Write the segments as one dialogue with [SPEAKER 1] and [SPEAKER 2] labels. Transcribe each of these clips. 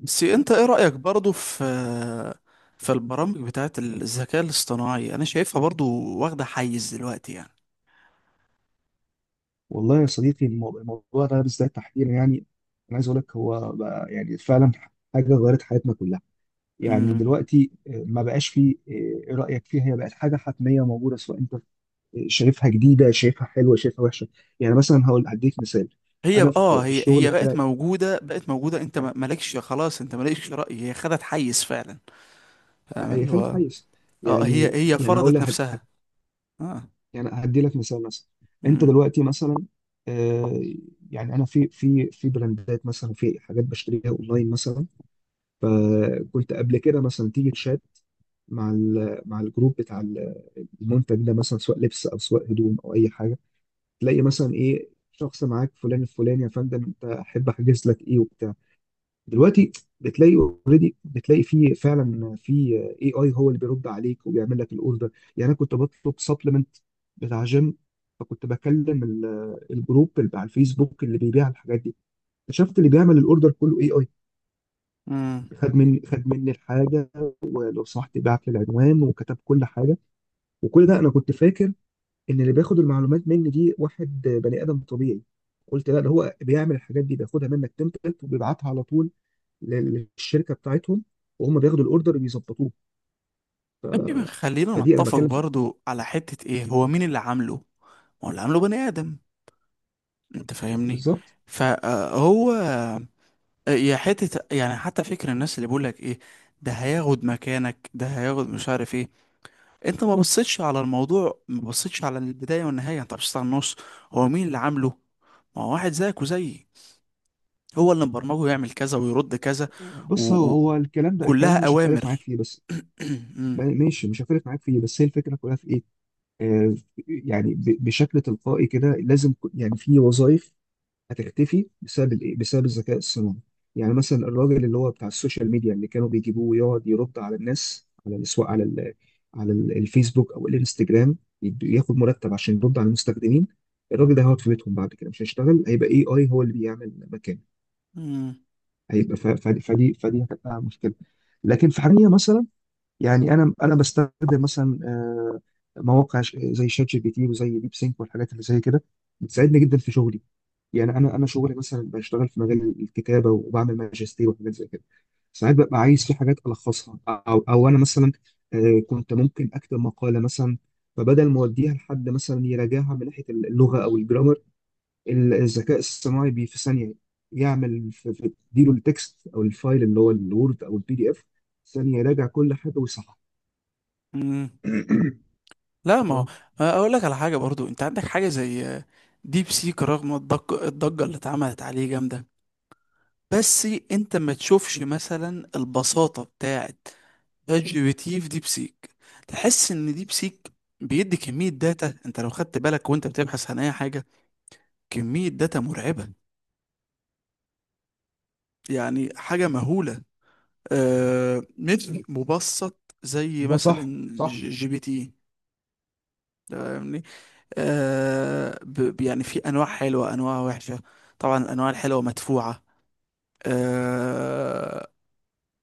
[SPEAKER 1] بس انت ايه رأيك برضو في البرامج بتاعت الذكاء الاصطناعي، انا شايفها برضو واخدة حيز دلوقتي يعني.
[SPEAKER 2] والله يا صديقي، الموضوع ده بالذات تحديدا، يعني انا عايز اقول لك هو بقى يعني فعلا حاجه غيرت حياتنا كلها. يعني
[SPEAKER 1] امم.
[SPEAKER 2] دلوقتي ما بقاش فيه، ايه رايك فيها، هي بقت حاجه حتميه موجوده، سواء انت شايفها جديده، شايفها حلوه، شايفها وحشه. يعني مثلا هقول هديك مثال.
[SPEAKER 1] هي
[SPEAKER 2] انا
[SPEAKER 1] اه
[SPEAKER 2] في
[SPEAKER 1] هي
[SPEAKER 2] الشغل
[SPEAKER 1] هي بقت
[SPEAKER 2] بتاعي
[SPEAKER 1] موجودة بقت موجودة، انت مالكش خلاص، انت مالكش رأي، هي خدت حيز فعلا. فاهم
[SPEAKER 2] هي
[SPEAKER 1] اللي
[SPEAKER 2] خليك
[SPEAKER 1] هو.
[SPEAKER 2] حيز.
[SPEAKER 1] اه هي
[SPEAKER 2] يعني
[SPEAKER 1] هي
[SPEAKER 2] يعني هقول
[SPEAKER 1] فرضت
[SPEAKER 2] لك،
[SPEAKER 1] نفسها. اه.
[SPEAKER 2] يعني هدي لك مثال مثلا. انت
[SPEAKER 1] امم.
[SPEAKER 2] دلوقتي مثلا، آه، يعني انا في براندات مثلا، في حاجات بشتريها اونلاين مثلا. فكنت قبل كده مثلا تيجي تشات مع الجروب بتاع المنتج ده مثلا، سواء لبس او سواء هدوم او اي حاجه، تلاقي مثلا ايه شخص معاك فلان الفلاني، يا فندم انت احب احجز لك ايه وبتاع. دلوقتي بتلاقي اوريدي، بتلاقي في فعلا في اي اي، هو اللي بيرد عليك وبيعمل لك الاوردر. يعني انا كنت بطلب سبلمنت بتاع جيم، فكنت بكلم الجروب اللي على الفيسبوك اللي بيبيع الحاجات دي. اكتشفت اللي بيعمل الاوردر كله اي اي،
[SPEAKER 1] امم.
[SPEAKER 2] خد مني الحاجه، ولو صحت بعت لي العنوان وكتب كل حاجه. وكل ده انا كنت فاكر ان اللي بياخد المعلومات مني دي واحد بني ادم طبيعي. قلت لا، ده هو بيعمل الحاجات دي، بياخدها منك تمبلت وبيبعتها على طول للشركه بتاعتهم، وهم بياخدوا الاوردر بيظبطوه.
[SPEAKER 1] طيب خلينا
[SPEAKER 2] فدي انا
[SPEAKER 1] نتفق
[SPEAKER 2] بتكلم في.
[SPEAKER 1] برضو على حتة، ايه هو مين اللي عامله؟ هو اللي عامله بني آدم، انت فاهمني؟
[SPEAKER 2] بالظبط.
[SPEAKER 1] فهو يا حتة يعني، حتى فكر الناس اللي بيقول لك ايه، ده هياخد مكانك، ده هياخد مش عارف ايه. انت ما بصيتش على الموضوع، ما بصيتش على البداية والنهاية، انت بصيت على النص. هو مين اللي عامله؟ ما هو واحد زيك وزيي، هو اللي مبرمجه يعمل كذا ويرد كذا،
[SPEAKER 2] بص، هو الكلام ده
[SPEAKER 1] وكلها
[SPEAKER 2] مش هختلف معاك
[SPEAKER 1] اوامر.
[SPEAKER 2] فيه. بس
[SPEAKER 1] مم.
[SPEAKER 2] ماشي، مش هختلف معاك فيه، بس هي الفكره كلها في ايه؟ آه يعني بشكل تلقائي كده لازم، يعني في وظائف هتختفي بسبب الايه، بسبب الذكاء الصناعي. يعني مثلا الراجل اللي هو بتاع السوشيال ميديا، اللي كانوا بيجيبوه ويقعد يرد على الناس، على الاسواق، الفيسبوك او الانستجرام، ياخد مرتب عشان يرد على المستخدمين. الراجل ده هيقعد في بيتهم بعد كده، مش هيشتغل، هيبقى اي اي هو اللي بيعمل مكانه.
[SPEAKER 1] مم.
[SPEAKER 2] هيبقى، فدي هتبقى مشكله. لكن في حاجه مثلا، يعني انا بستخدم مثلا مواقع، زي شات جي بي تي وزي ديب سينك والحاجات اللي زي كده، بتساعدني جدا في شغلي. يعني انا شغلي مثلا بشتغل في مجال الكتابه، وبعمل ماجستير وحاجات زي كده. ساعات ببقى عايز في حاجات الخصها، او انا مثلا كنت ممكن اكتب مقاله مثلا، فبدل ما اوديها لحد مثلا يراجعها من ناحيه اللغه او الجرامر، الذكاء الصناعي بي في ثانيه يعمل اديله التكست او الفايل اللي هو الوورد او البي دي اف، ثانيه يراجع كل حاجه ويصحح.
[SPEAKER 1] مم. لا، ما هو
[SPEAKER 2] اه،
[SPEAKER 1] اقول لك على حاجة برضو. انت عندك حاجة زي ديب سيك، رغم الضجة اللي اتعملت عليه جامدة، بس انت ما تشوفش مثلا البساطة بتاعت شات جي بي تي في ديب سيك. تحس ان ديب سيك بيدي كمية داتا، انت لو خدت بالك وانت بتبحث عن اي حاجة، كمية داتا مرعبة، يعني حاجة مهولة. آه، مش مبسط زي
[SPEAKER 2] ده
[SPEAKER 1] مثلا
[SPEAKER 2] صح صح.
[SPEAKER 1] جي بي تي، فاهمني؟ يعني في انواع حلوة، انواع وحشة. طبعا الانواع الحلوة مدفوعة. آه.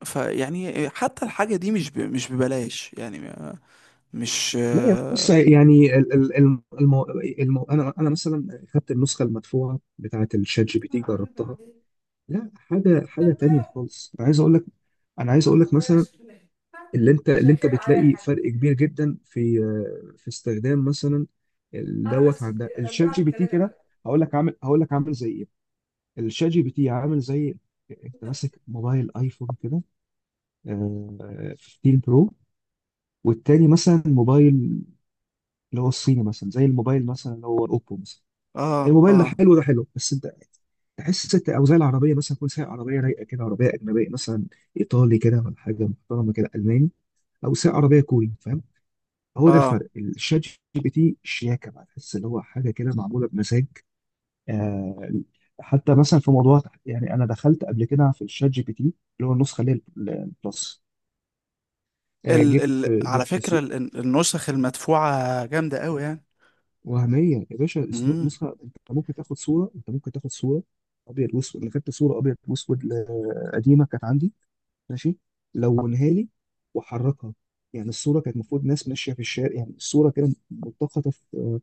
[SPEAKER 1] فيعني حتى الحاجة دي مش مش ببلاش يعني. مش.
[SPEAKER 2] لا يا بص،
[SPEAKER 1] اه،
[SPEAKER 2] يعني انا مثلا خدت النسخه المدفوعه بتاعه الشات جي بي تي جربتها. لا، حاجه حاجه تانية خالص. انا عايز اقول لك، مثلا، اللي انت بتلاقي فرق كبير جدا في في استخدام مثلا دوت عن ده الشات جي بي تي كده. هقول لك عامل زي ايه. الشات جي بي تي عامل زي انت ماسك موبايل ايفون كده، آه، 15 برو، والتاني مثلا موبايل اللي هو الصيني، مثلا زي الموبايل مثلا اللي هو الاوبو مثلا.
[SPEAKER 1] اه،
[SPEAKER 2] الموبايل ده
[SPEAKER 1] اه.
[SPEAKER 2] حلو، ده حلو، بس انت تحس انت. او زي العربيه مثلا، كل ساعه عربيه رايقه كده، عربيه اجنبيه مثلا، ايطالي كده، ولا حاجه محترمه كده الماني. او ساعه عربيه كوري، فاهم. هو ده
[SPEAKER 1] آه.
[SPEAKER 2] الفرق. الشات جي بي تي شياكه بقى، تحس اللي هو حاجه كده معموله بمزاج. آه حتى مثلا في موضوع، يعني انا دخلت قبل كده في الشات جي بي تي، اللي هو النسخه اللي هي البلس. آه
[SPEAKER 1] ال
[SPEAKER 2] جبت
[SPEAKER 1] ال على
[SPEAKER 2] جبت
[SPEAKER 1] فكرة، النسخ المدفوعة جامدة قوي يعني.
[SPEAKER 2] وهميه يا باشا.
[SPEAKER 1] امم.
[SPEAKER 2] نسخه انت ممكن تاخد صوره، ابيض واسود. انا خدت صوره ابيض واسود قديمه كانت عندي، ماشي، لونها لي وحركها. يعني الصوره كانت المفروض ناس ماشيه في الشارع، يعني الصوره كده ملتقطه في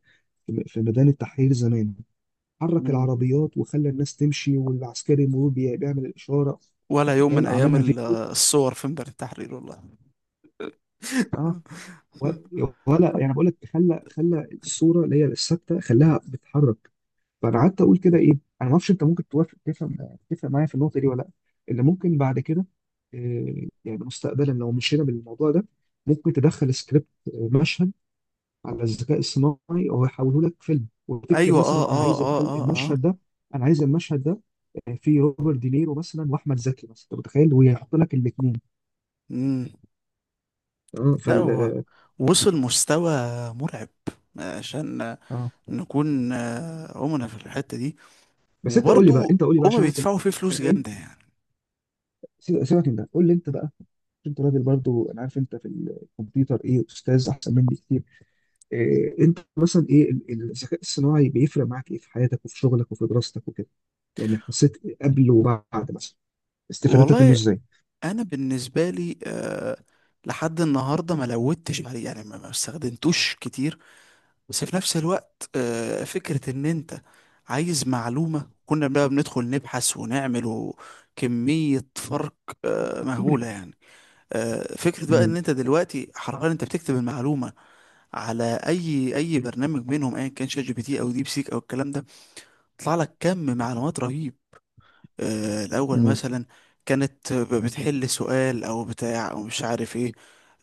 [SPEAKER 2] في ميدان التحرير زمان. حرك
[SPEAKER 1] أمم.
[SPEAKER 2] العربيات وخلى الناس تمشي، والعسكري المرور بيعمل الاشاره.
[SPEAKER 1] ولا يوم من
[SPEAKER 2] تخيل،
[SPEAKER 1] ايام
[SPEAKER 2] عملها فيديو.
[SPEAKER 1] الصور في ميدان التحرير، والله.
[SPEAKER 2] اه. ولا يعني بقول لك، خلى الصوره اللي هي الثابته خلاها بتتحرك. فانا قعدت اقول كده، ايه انا ما اعرفش انت ممكن توافق، تفهم معايا في النقطه دي ولا لا، اللي ممكن بعد كده يعني مستقبلا لو مشينا بالموضوع ده، ممكن تدخل سكريبت، مشهد، على الذكاء الصناعي وهو يحوله لك فيلم. وتكتب
[SPEAKER 1] ايوه،
[SPEAKER 2] مثلا
[SPEAKER 1] اه،
[SPEAKER 2] انا
[SPEAKER 1] اه،
[SPEAKER 2] عايز
[SPEAKER 1] اه،
[SPEAKER 2] الفيلم،
[SPEAKER 1] اه، اه.
[SPEAKER 2] المشهد ده، انا عايز المشهد ده فيه روبرت دينيرو مثلا واحمد زكي مثلا، انت متخيل، ويحط لك الاثنين.
[SPEAKER 1] امم.
[SPEAKER 2] اه.
[SPEAKER 1] لا هو
[SPEAKER 2] اه.
[SPEAKER 1] وصل مستوى مرعب، عشان
[SPEAKER 2] آه،
[SPEAKER 1] نكون أمنا في الحتة دي.
[SPEAKER 2] بس
[SPEAKER 1] وبرضو
[SPEAKER 2] انت قول لي بقى
[SPEAKER 1] هما
[SPEAKER 2] عشان عارف.
[SPEAKER 1] بيدفعوا فيه
[SPEAKER 2] انا
[SPEAKER 1] فلوس جامدة
[SPEAKER 2] أنت-
[SPEAKER 1] يعني.
[SPEAKER 2] سيبك من ده، قول لي انت بقى. انت راجل برضو، انا عارف انت في الكمبيوتر ايه، استاذ احسن مني كتير. إيه انت مثلا ايه الذكاء الصناعي بيفرق معاك ايه في حياتك وفي شغلك وفي دراستك وكده. يعني حسيت قبل وبعد مثلا استفادتك منه
[SPEAKER 1] والله،
[SPEAKER 2] ازاي؟
[SPEAKER 1] انا بالنسبه لي لحد النهارده ما لودتش عليه يعني، ما استخدمتوش كتير. بس في نفس الوقت، فكره ان انت عايز معلومه، كنا بقى بندخل نبحث ونعمل كميه فرق مهوله يعني. فكره بقى ان
[SPEAKER 2] امم.
[SPEAKER 1] انت دلوقتي حرفيا انت بتكتب المعلومه على اي برنامج منهم، ايا كان شات جي بي تي او ديب سيك او الكلام ده، يطلع لك كم معلومات رهيب. الأول
[SPEAKER 2] امم.
[SPEAKER 1] مثلا كانت بتحل سؤال أو بتاع أو مش عارف إيه.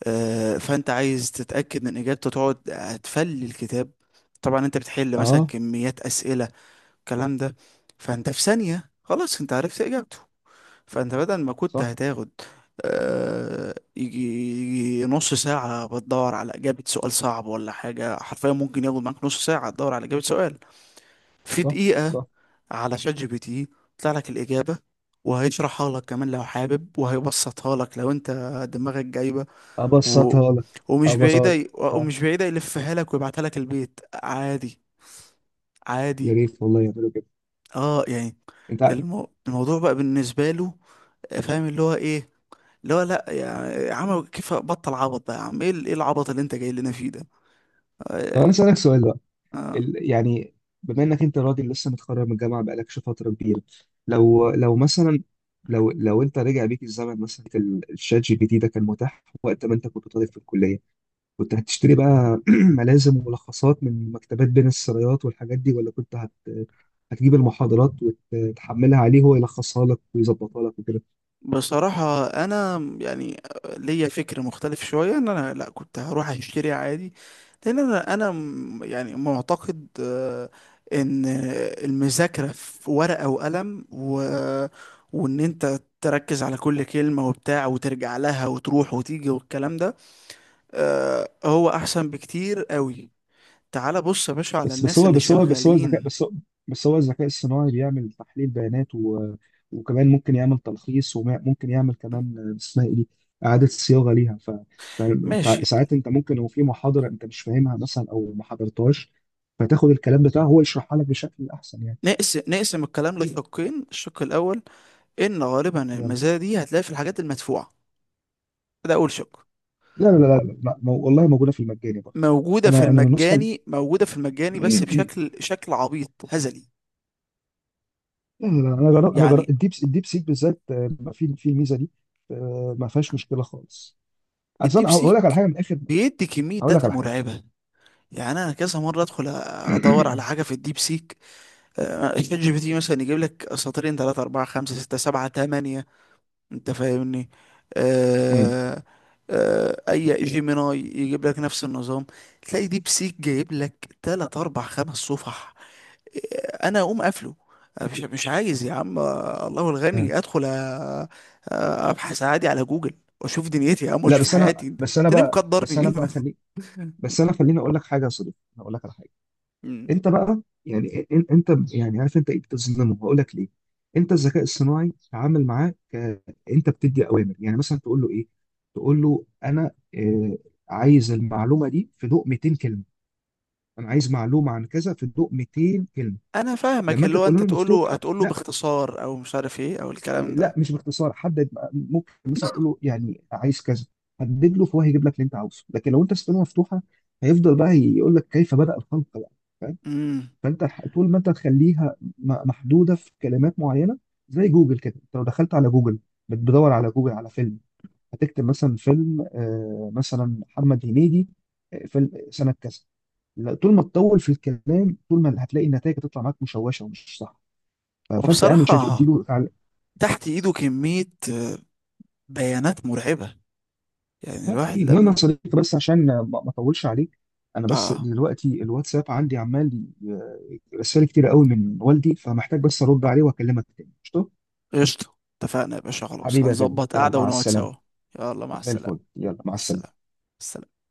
[SPEAKER 1] فأنت عايز تتأكد من إجابته، تقعد تفلي الكتاب، طبعا أنت بتحل مثلا
[SPEAKER 2] اه.
[SPEAKER 1] كميات أسئلة الكلام ده. فأنت في ثانية خلاص أنت عرفت إجابته. فأنت بدل ما كنت
[SPEAKER 2] صح.
[SPEAKER 1] هتاخد آه، يجي يجي نص ساعة بتدور على إجابة سؤال صعب ولا حاجة، حرفيا ممكن ياخد معاك نص ساعة تدور على إجابة سؤال، في
[SPEAKER 2] صح.
[SPEAKER 1] دقيقة
[SPEAKER 2] صح.
[SPEAKER 1] على شات جي بي تي طلع لك الإجابة، وهيشرحها لك كمان لو حابب، وهيبسطها لك لو انت دماغك جايبة. و...
[SPEAKER 2] ابسطها لك. ابسطها لك. صح.
[SPEAKER 1] ومش بعيدة يلفها لك ويبعتها لك البيت عادي.
[SPEAKER 2] يا
[SPEAKER 1] عادي.
[SPEAKER 2] ريت والله يعملوا كده.
[SPEAKER 1] اه يعني
[SPEAKER 2] انت عارف-
[SPEAKER 1] الموضوع بقى بالنسبة له فاهم اللي هو ايه، اللي هو، لا يعني عمل كيف، بطل عبط ده يا عم، إيه العبط اللي انت جاي لنا فيه ده.
[SPEAKER 2] طب
[SPEAKER 1] آه.
[SPEAKER 2] انا اسالك سؤال.
[SPEAKER 1] آه.
[SPEAKER 2] يعني، بما انك انت راجل لسه متخرج من الجامعه، بقالكش فتره كبيره، لو مثلا، لو انت رجع بيك الزمن مثلا، كان الشات جي بي تي ده كان متاح وقت ما انت كنت طالب في الكليه، كنت هتشتري بقى ملازم وملخصات من مكتبات بين السرايات والحاجات دي، ولا كنت هتجيب المحاضرات وتحملها عليه هو يلخصها لك ويظبطها لك وكده؟
[SPEAKER 1] بصراحة أنا يعني ليا فكر مختلف شوية، إن أنا لأ كنت هروح أشتري عادي. لأن أنا يعني معتقد إن المذاكرة في ورقة وقلم وإن أنت تركز على كل كلمة وبتاع وترجع لها وتروح وتيجي والكلام ده، هو أحسن بكتير قوي. تعال بص يا باشا على
[SPEAKER 2] بس بس
[SPEAKER 1] الناس
[SPEAKER 2] هو
[SPEAKER 1] اللي
[SPEAKER 2] بس هو بس هو
[SPEAKER 1] شغالين.
[SPEAKER 2] بس هو الذكاء الصناعي بيعمل تحليل بيانات، وكمان ممكن يعمل تلخيص، وممكن يعمل كمان اسمها ايه دي، إعادة صياغة ليها. ف...
[SPEAKER 1] ماشي.
[SPEAKER 2] فساعات انت ممكن لو في محاضرة انت مش فاهمها مثلا او ما حضرتهاش، فتاخد الكلام بتاعه هو يشرحها لك بشكل احسن يعني.
[SPEAKER 1] نقسم الكلام لشقين. الشق الأول ان غالبا
[SPEAKER 2] يلا.
[SPEAKER 1] المزايا دي هتلاقي في الحاجات المدفوعه، ده اول شق.
[SPEAKER 2] لا، لا، لا، لا، لا، والله موجودة في المجاني برضه.
[SPEAKER 1] موجوده في
[SPEAKER 2] انا النسخة
[SPEAKER 1] المجاني، موجوده في المجاني، بس بشكل شكل عبيط هزلي
[SPEAKER 2] لا، لا، لا، انا جربت
[SPEAKER 1] يعني.
[SPEAKER 2] الديب سيك بالذات في الميزة دي. ما فيهاش مشكلة خالص. اصل
[SPEAKER 1] الديب
[SPEAKER 2] انا هقول لك على
[SPEAKER 1] سيك
[SPEAKER 2] حاجه من الاخر،
[SPEAKER 1] بيدي كميه
[SPEAKER 2] اقول لك
[SPEAKER 1] داتا
[SPEAKER 2] على حاجه.
[SPEAKER 1] مرعبه. يعني انا كذا مره ادخل ادور على حاجه في الديب سيك، شات جي بي تي مثلا يجيب لك سطرين، 3 4 5 6 7 8، انت فاهمني؟
[SPEAKER 2] مم.
[SPEAKER 1] آه، آه. اي جيميناي يجيب لك نفس النظام. تلاقي ديب سيك جايب لك 3 4 5 صفح. انا اقوم قافله، مش مش عايز يا عم. الله
[SPEAKER 2] آه.
[SPEAKER 1] الغني، ادخل أ- ابحث عادي على جوجل، واشوف دنيتي يا عم،
[SPEAKER 2] لا،
[SPEAKER 1] واشوف
[SPEAKER 2] بس انا
[SPEAKER 1] حياتي. انت
[SPEAKER 2] بس انا
[SPEAKER 1] أنت ليه
[SPEAKER 2] بقى بس انا
[SPEAKER 1] مقدرني؟
[SPEAKER 2] بقى خلي بس انا خليني اقول لك حاجه يا صديقي. أنا اقول لك على حاجه.
[SPEAKER 1] مم.
[SPEAKER 2] انت بقى يعني انت يعني عارف انت ايه بتظلمه، هقول لك ليه. انت الذكاء الصناعي تعامل معاه انت بتدي اوامر، يعني مثلا تقول له ايه، تقول له انا آه عايز المعلومه دي في ضوء 200 كلمه، انا عايز معلومه عن كذا في ضوء 200 كلمه،
[SPEAKER 1] انا فاهمك،
[SPEAKER 2] لما انت
[SPEAKER 1] اللي هو
[SPEAKER 2] تقول له
[SPEAKER 1] انت تقوله
[SPEAKER 2] مفتوحه
[SPEAKER 1] هتقوله
[SPEAKER 2] لا،
[SPEAKER 1] باختصار او مش عارف ايه او الكلام
[SPEAKER 2] لا
[SPEAKER 1] ده.
[SPEAKER 2] مش باختصار، ممكن مثلا تقول له يعني عايز كذا، حدد له، فهو هيجيب لك اللي انت عاوزه. لكن لو انت سبتها مفتوحه، هيفضل بقى يقول لك كيف بدأ الخلق بقى، فاهم.
[SPEAKER 1] امم.
[SPEAKER 2] فانت طول ما انت تخليها محدوده في كلمات معينه، زي جوجل كده. انت لو دخلت على جوجل بتدور على جوجل على فيلم، هتكتب مثلا فيلم مثلا محمد هنيدي، فيلم سنه كذا، لا، طول ما تطول في الكلام، طول ما هتلاقي النتائج هتطلع معاك مشوشه ومش صح. فانت اعمل شات
[SPEAKER 1] وبصراحة
[SPEAKER 2] اديله.
[SPEAKER 1] تحت ايده كمية بيانات مرعبة. يعني
[SPEAKER 2] لا
[SPEAKER 1] الواحد
[SPEAKER 2] كتير، المهم يا
[SPEAKER 1] لما
[SPEAKER 2] صديقي، بس عشان ما اطولش عليك، انا بس
[SPEAKER 1] اه
[SPEAKER 2] دلوقتي الواتساب عندي عمال رسائل كتير قوي من والدي، فمحتاج بس ارد عليه واكلمك تاني قشطه.
[SPEAKER 1] قشطة. اتفقنا يا باشا، خلاص
[SPEAKER 2] حبيبي يا غالي،
[SPEAKER 1] هنظبط
[SPEAKER 2] يلا
[SPEAKER 1] قعدة
[SPEAKER 2] مع
[SPEAKER 1] ونقعد
[SPEAKER 2] السلامه.
[SPEAKER 1] سوا. يلا مع
[SPEAKER 2] زي
[SPEAKER 1] السلامة.
[SPEAKER 2] الفل، يلا مع
[SPEAKER 1] مع السلامة. مع
[SPEAKER 2] السلامه.
[SPEAKER 1] السلامة.